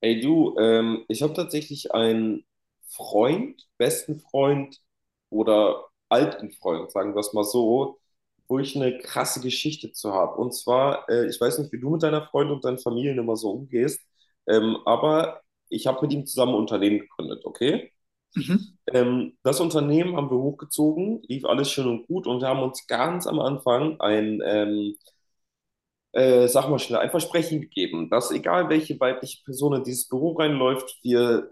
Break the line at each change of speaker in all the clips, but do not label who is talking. Ey du, ich habe tatsächlich einen Freund, besten Freund oder alten Freund, sagen wir es mal so, wo ich eine krasse Geschichte zu habe. Und zwar, ich weiß nicht, wie du mit deiner Freundin und deinen Familien immer so umgehst, aber ich habe mit ihm zusammen ein Unternehmen gegründet, okay?
Mhm,
Das Unternehmen haben wir hochgezogen, lief alles schön und gut und wir haben uns ganz am Anfang ein sag mal schnell, ein Versprechen gegeben, dass egal welche weibliche Person in dieses Büro reinläuft, wir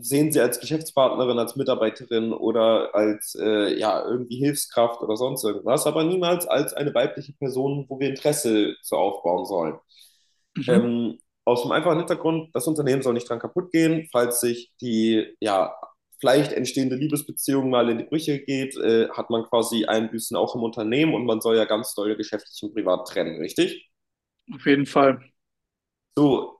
sehen sie als Geschäftspartnerin, als Mitarbeiterin oder als ja, irgendwie Hilfskraft oder sonst irgendwas, aber niemals als eine weibliche Person, wo wir Interesse zu aufbauen sollen.
mhm,
Ähm, Aus dem einfachen Hintergrund, das Unternehmen soll nicht dran kaputt gehen, falls sich die ja, vielleicht entstehende Liebesbeziehung mal in die Brüche geht, hat man quasi Einbüßen auch im Unternehmen und man soll ja ganz doll geschäftlich und privat trennen, richtig?
auf jeden Fall.
So,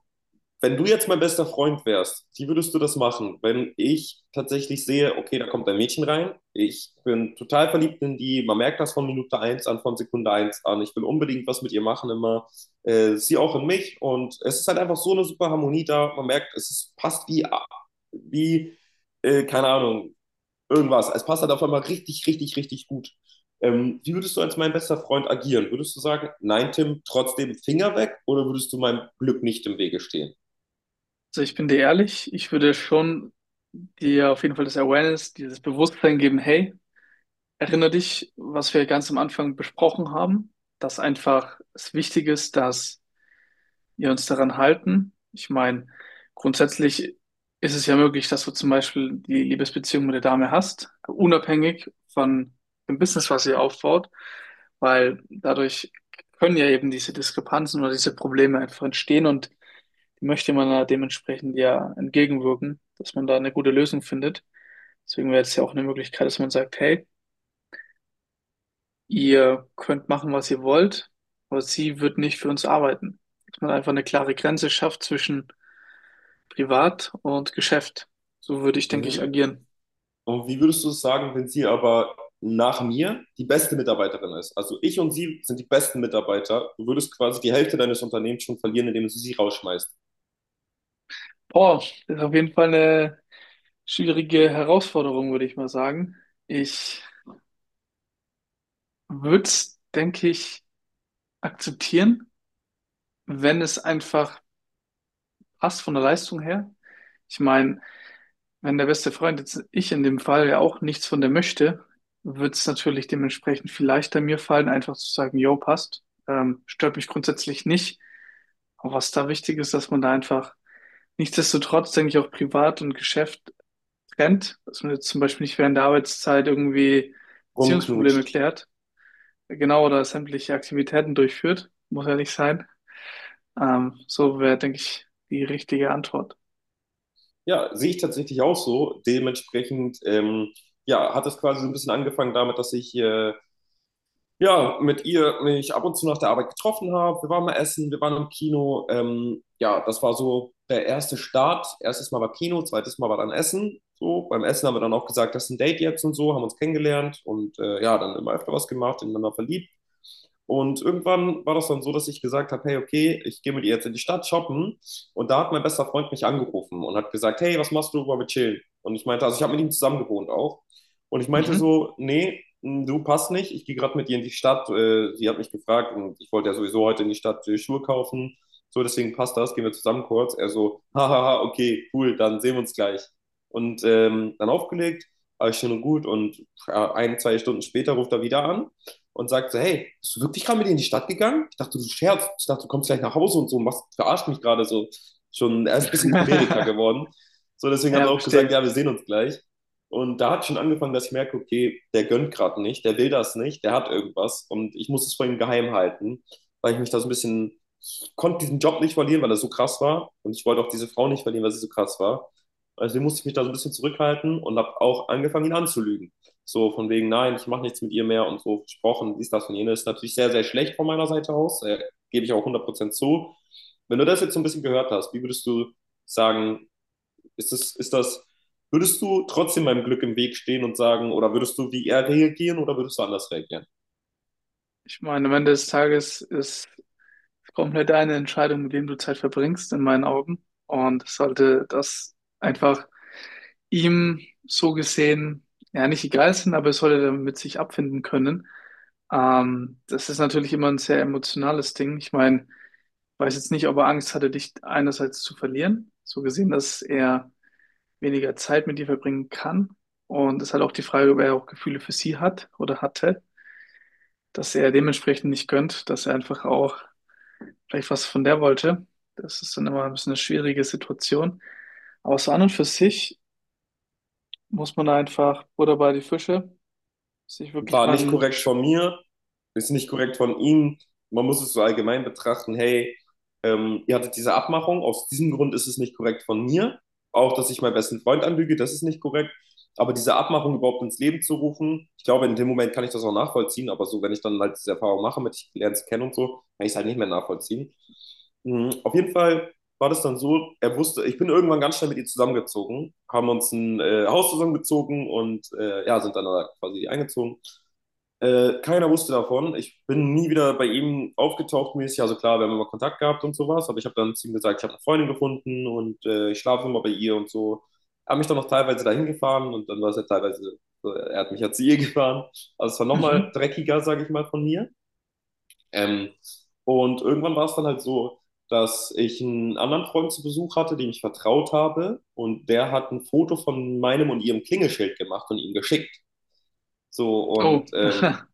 wenn du jetzt mein bester Freund wärst, wie würdest du das machen, wenn ich tatsächlich sehe, okay, da kommt ein Mädchen rein, ich bin total verliebt in die, man merkt das von Minute eins an, von Sekunde eins an, ich will unbedingt was mit ihr machen immer, sie auch in mich und es ist halt einfach so eine super Harmonie da, man merkt, es ist, passt wie keine Ahnung, irgendwas, es passt halt auf einmal richtig, richtig, richtig gut. Wie würdest du als mein bester Freund agieren? Würdest du sagen, nein, Tim, trotzdem Finger weg oder würdest du meinem Glück nicht im Wege stehen?
Also ich bin dir ehrlich, ich würde schon dir auf jeden Fall das Awareness, dieses Bewusstsein geben, hey, erinnere dich, was wir ganz am Anfang besprochen haben, dass einfach es wichtig ist, dass wir uns daran halten. Ich meine, grundsätzlich ist es ja möglich, dass du zum Beispiel die Liebesbeziehung mit der Dame hast, unabhängig von dem Business, was ihr aufbaut, weil dadurch können ja eben diese Diskrepanzen oder diese Probleme einfach entstehen und möchte man da dementsprechend ja entgegenwirken, dass man da eine gute Lösung findet. Deswegen wäre jetzt ja auch eine Möglichkeit, dass man sagt, hey, ihr könnt machen, was ihr wollt, aber sie wird nicht für uns arbeiten. Dass man einfach eine klare Grenze schafft zwischen Privat und Geschäft. So würde ich, denke ich,
Mhm.
agieren.
Und wie würdest du es sagen, wenn sie aber nach mir die beste Mitarbeiterin ist? Also ich und sie sind die besten Mitarbeiter. Du würdest quasi die Hälfte deines Unternehmens schon verlieren, indem du sie rausschmeißt,
Boah, das ist auf jeden Fall eine schwierige Herausforderung, würde ich mal sagen. Ich würde es, denke ich, akzeptieren, wenn es einfach passt von der Leistung her. Ich meine, wenn der beste Freund jetzt ich in dem Fall ja auch nichts von der möchte, wird es natürlich dementsprechend viel leichter mir fallen, einfach zu sagen, yo, passt. Stört mich grundsätzlich nicht. Aber was da wichtig ist, dass man da einfach nichtsdestotrotz, denke ich, auch privat und Geschäft trennt, dass man jetzt zum Beispiel nicht während der Arbeitszeit irgendwie Beziehungsprobleme
rumknutscht.
klärt, genau, oder sämtliche Aktivitäten durchführt, muss ja nicht sein. So wäre, denke ich, die richtige Antwort.
Ja, sehe ich tatsächlich auch so. Dementsprechend, ja, hat es quasi so ein bisschen angefangen damit, dass ich ja, mit ihr mich ab und zu nach der Arbeit getroffen habe. Wir waren mal essen, wir waren im Kino. Ja, das war so der erste Start. Erstes Mal war Kino, zweites Mal war dann Essen. So, beim Essen haben wir dann auch gesagt, das ist ein Date jetzt und so, haben uns kennengelernt und ja, dann immer öfter was gemacht, ineinander verliebt. Und irgendwann war das dann so, dass ich gesagt habe, hey, okay, ich gehe mit ihr jetzt in die Stadt shoppen. Und da hat mein bester Freund mich angerufen und hat gesagt, hey, was machst du, wollen wir chillen? Und ich meinte, also ich habe mit ihm zusammen gewohnt auch. Und ich meinte
Mhm.
so, nee, du passt nicht, ich gehe gerade mit ihr in die Stadt. Sie hat mich gefragt und ich wollte ja sowieso heute in die Stadt Schuhe kaufen. So, deswegen passt das, gehen wir zusammen kurz. Er so, hahaha, okay, cool, dann sehen wir uns gleich. Und dann aufgelegt, alles schön und gut. Und ein, zwei Stunden später ruft er wieder an und sagt so, hey, bist du wirklich gerade mit in die Stadt gegangen? Ich dachte, du scherzt. Ich dachte, du kommst gleich nach Hause und so, machst, verarscht mich gerade so. Schon, er ist ein bisschen choleriker geworden. So, deswegen hat er
Ja,
auch gesagt,
verstehe.
ja, wir sehen uns gleich. Und da hat schon angefangen, dass ich merke, okay, der gönnt gerade nicht, der will das nicht, der hat irgendwas und ich muss es vor ihm geheim halten, weil ich mich da so ein bisschen, ich konnte diesen Job nicht verlieren, weil er so krass war und ich wollte auch diese Frau nicht verlieren, weil sie so krass war. Also musste ich mich da so ein bisschen zurückhalten und habe auch angefangen, ihn anzulügen. So von wegen, nein, ich mache nichts mit ihr mehr und so versprochen, dies, das und jenes. Natürlich sehr, sehr schlecht von meiner Seite aus, gebe ich auch 100% zu. Wenn du das jetzt so ein bisschen gehört hast, wie würdest du sagen, ist das, würdest du trotzdem meinem Glück im Weg stehen und sagen, oder würdest du wie er reagieren oder würdest du anders reagieren?
Ich meine, am Ende des Tages ist komplett deine Entscheidung, mit wem du Zeit verbringst, in meinen Augen. Und es sollte das einfach ihm so gesehen, ja, nicht egal sein, aber es sollte damit sich abfinden können. Das ist natürlich immer ein sehr emotionales Ding. Ich meine, ich weiß jetzt nicht, ob er Angst hatte, dich einerseits zu verlieren, so gesehen, dass er weniger Zeit mit dir verbringen kann. Und es ist halt auch die Frage, ob er auch Gefühle für sie hat oder hatte, dass er dementsprechend nicht gönnt, dass er einfach auch vielleicht was von der wollte. Das ist dann immer ein bisschen eine schwierige Situation. Aber so an und für sich muss man da einfach Butter bei die Fische, sich wirklich
War
mal
nicht
ein...
korrekt
Sch
von mir, ist nicht korrekt von ihm. Man muss es so allgemein betrachten, hey, ihr hattet diese Abmachung, aus diesem Grund ist es nicht korrekt von mir. Auch, dass ich meinen besten Freund anlüge, das ist nicht korrekt. Aber diese Abmachung überhaupt ins Leben zu rufen, ich glaube, in dem Moment kann ich das auch nachvollziehen, aber so, wenn ich dann halt diese Erfahrung mache, mit ich lerne es kennen und so, kann ich es halt nicht mehr nachvollziehen. Mhm, Auf jeden Fall war das dann so, er wusste, ich bin irgendwann ganz schnell mit ihr zusammengezogen, haben uns ein Haus zusammengezogen und ja, sind dann da quasi eingezogen. Keiner wusste davon. Ich bin nie wieder bei ihm aufgetaucht mäßig. Also klar, wir haben immer Kontakt gehabt und sowas, aber ich habe dann zu ihm gesagt, ich habe eine Freundin gefunden und ich schlafe immer bei ihr und so. Hab mich dann noch teilweise dahin gefahren und dann war es ja teilweise, so, er hat mich ja zu ihr gefahren. Also es war nochmal
mhm.
dreckiger, sage ich mal, von mir. Ähm, und irgendwann war es dann halt so, dass ich einen anderen Freund zu Besuch hatte, dem ich vertraut habe und der hat ein Foto von meinem und ihrem Klingelschild gemacht und ihm geschickt. So und
Oh,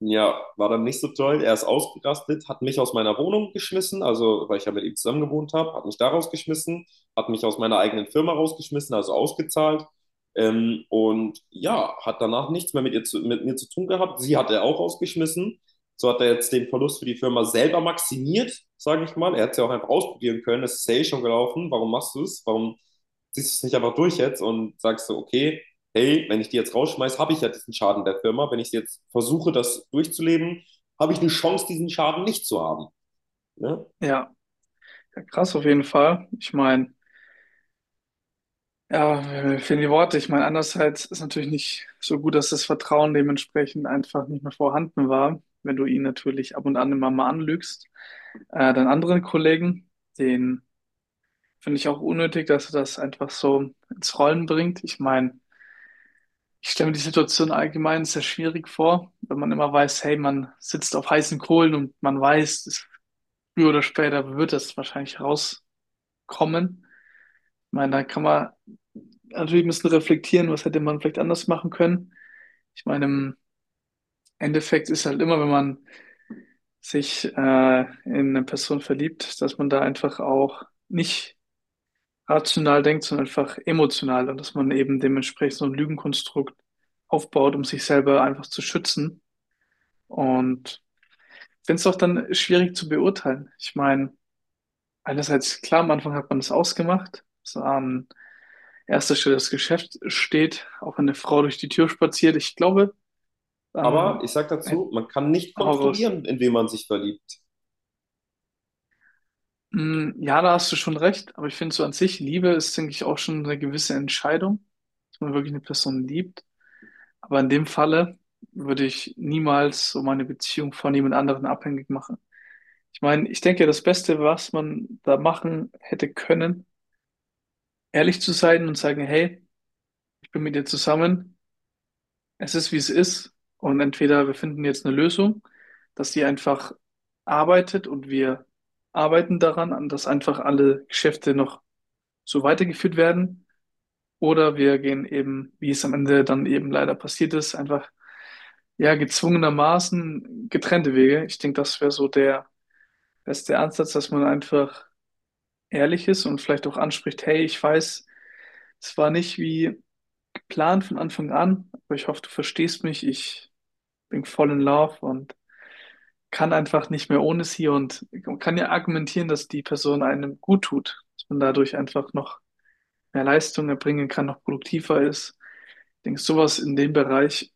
ja, war dann nicht so toll. Er ist ausgerastet, hat mich aus meiner Wohnung geschmissen, also weil ich ja mit ihm zusammen gewohnt habe, hat mich da rausgeschmissen, hat mich aus meiner eigenen Firma rausgeschmissen, also ausgezahlt. Und ja, hat danach nichts mehr mit mir zu tun gehabt. Sie hat er auch rausgeschmissen. So hat er jetzt den Verlust für die Firma selber maximiert, sage ich mal. Er hätte es ja auch einfach ausprobieren können. Es ist ja eh schon gelaufen. Warum machst du es? Warum ziehst du es nicht einfach durch jetzt und sagst so, okay, hey, wenn ich die jetzt rausschmeiße, habe ich ja diesen Schaden der Firma. Wenn ich jetzt versuche, das durchzuleben, habe ich eine Chance, diesen Schaden nicht zu haben. Ne?
ja. Ja, krass auf jeden Fall. Ich meine, ja, mir fehlen die Worte. Ich meine, andererseits ist natürlich nicht so gut, dass das Vertrauen dementsprechend einfach nicht mehr vorhanden war, wenn du ihn natürlich ab und an immer mal anlügst. Deinen anderen Kollegen, den finde ich auch unnötig, dass er das einfach so ins Rollen bringt. Ich meine, ich stelle mir die Situation allgemein sehr schwierig vor, wenn man immer weiß, hey, man sitzt auf heißen Kohlen und man weiß, es- früher oder später wird das wahrscheinlich rauskommen. Ich meine, da kann man natürlich ein bisschen reflektieren, was hätte man vielleicht anders machen können. Ich meine, im Endeffekt ist halt immer, wenn man sich in eine Person verliebt, dass man da einfach auch nicht rational denkt, sondern einfach emotional und dass man eben dementsprechend so ein Lügenkonstrukt aufbaut, um sich selber einfach zu schützen. Und ich finde es auch dann schwierig zu beurteilen. Ich meine, einerseits, klar, am Anfang hat man das ausgemacht, dass an erster Stelle das Geschäft steht, auch wenn eine Frau durch die Tür spaziert. Ich glaube,
Aber
dann
ich sage
hätt-
dazu, man kann nicht
hau raus.
kontrollieren, in wen man sich verliebt.
Mm, ja, da hast du schon recht, aber ich finde so an sich, Liebe ist, denke ich, auch schon eine gewisse Entscheidung, dass man wirklich eine Person liebt. Aber in dem Falle würde ich niemals so meine Beziehung von jemand anderem abhängig machen. Ich meine, ich denke, das Beste, was man da machen hätte können, ehrlich zu sein und sagen, hey, ich bin mit dir zusammen, es ist, wie es ist und entweder wir finden jetzt eine Lösung, dass die einfach arbeitet und wir arbeiten daran, an dass einfach alle Geschäfte noch so weitergeführt werden oder wir gehen eben, wie es am Ende dann eben leider passiert ist, einfach ja gezwungenermaßen getrennte Wege. Ich denke, das wäre so der beste Ansatz, dass man einfach ehrlich ist und vielleicht auch anspricht, hey, ich weiß, es war nicht wie Plan von Anfang an, aber ich hoffe, du verstehst mich. Ich bin voll in Love und kann einfach nicht mehr ohne sie und man kann ja argumentieren, dass die Person einem gut tut, dass man dadurch einfach noch mehr Leistung erbringen kann, noch produktiver ist. Ich denke, sowas in dem Bereich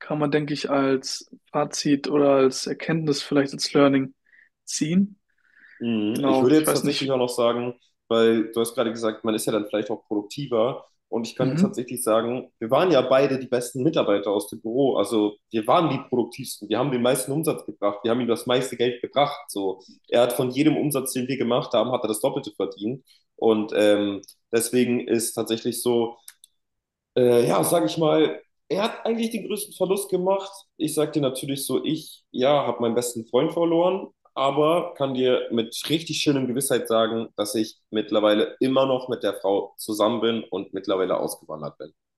kann man, denke ich, als Fazit oder als Erkenntnis, vielleicht als Learning ziehen.
Mhm. Ich
Genau,
würde
ich
jetzt
weiß
tatsächlich auch
nicht.
noch sagen, weil du hast gerade gesagt, man ist ja dann vielleicht auch produktiver. Und ich könnte
Mhm.
tatsächlich sagen, wir waren ja beide die besten Mitarbeiter aus dem Büro. Also wir waren die produktivsten. Wir haben den meisten Umsatz gebracht. Wir haben ihm das meiste Geld gebracht. So, er hat von jedem Umsatz, den wir gemacht haben, hat er das Doppelte verdient. Und deswegen ist tatsächlich so, ja, sag ich mal, er hat eigentlich den größten Verlust gemacht. Ich sag dir natürlich so, ich, ja, habe meinen besten Freund verloren, aber kann dir mit richtig schönem Gewissheit sagen, dass ich mittlerweile immer noch mit der Frau zusammen bin und mittlerweile ausgewandert bin.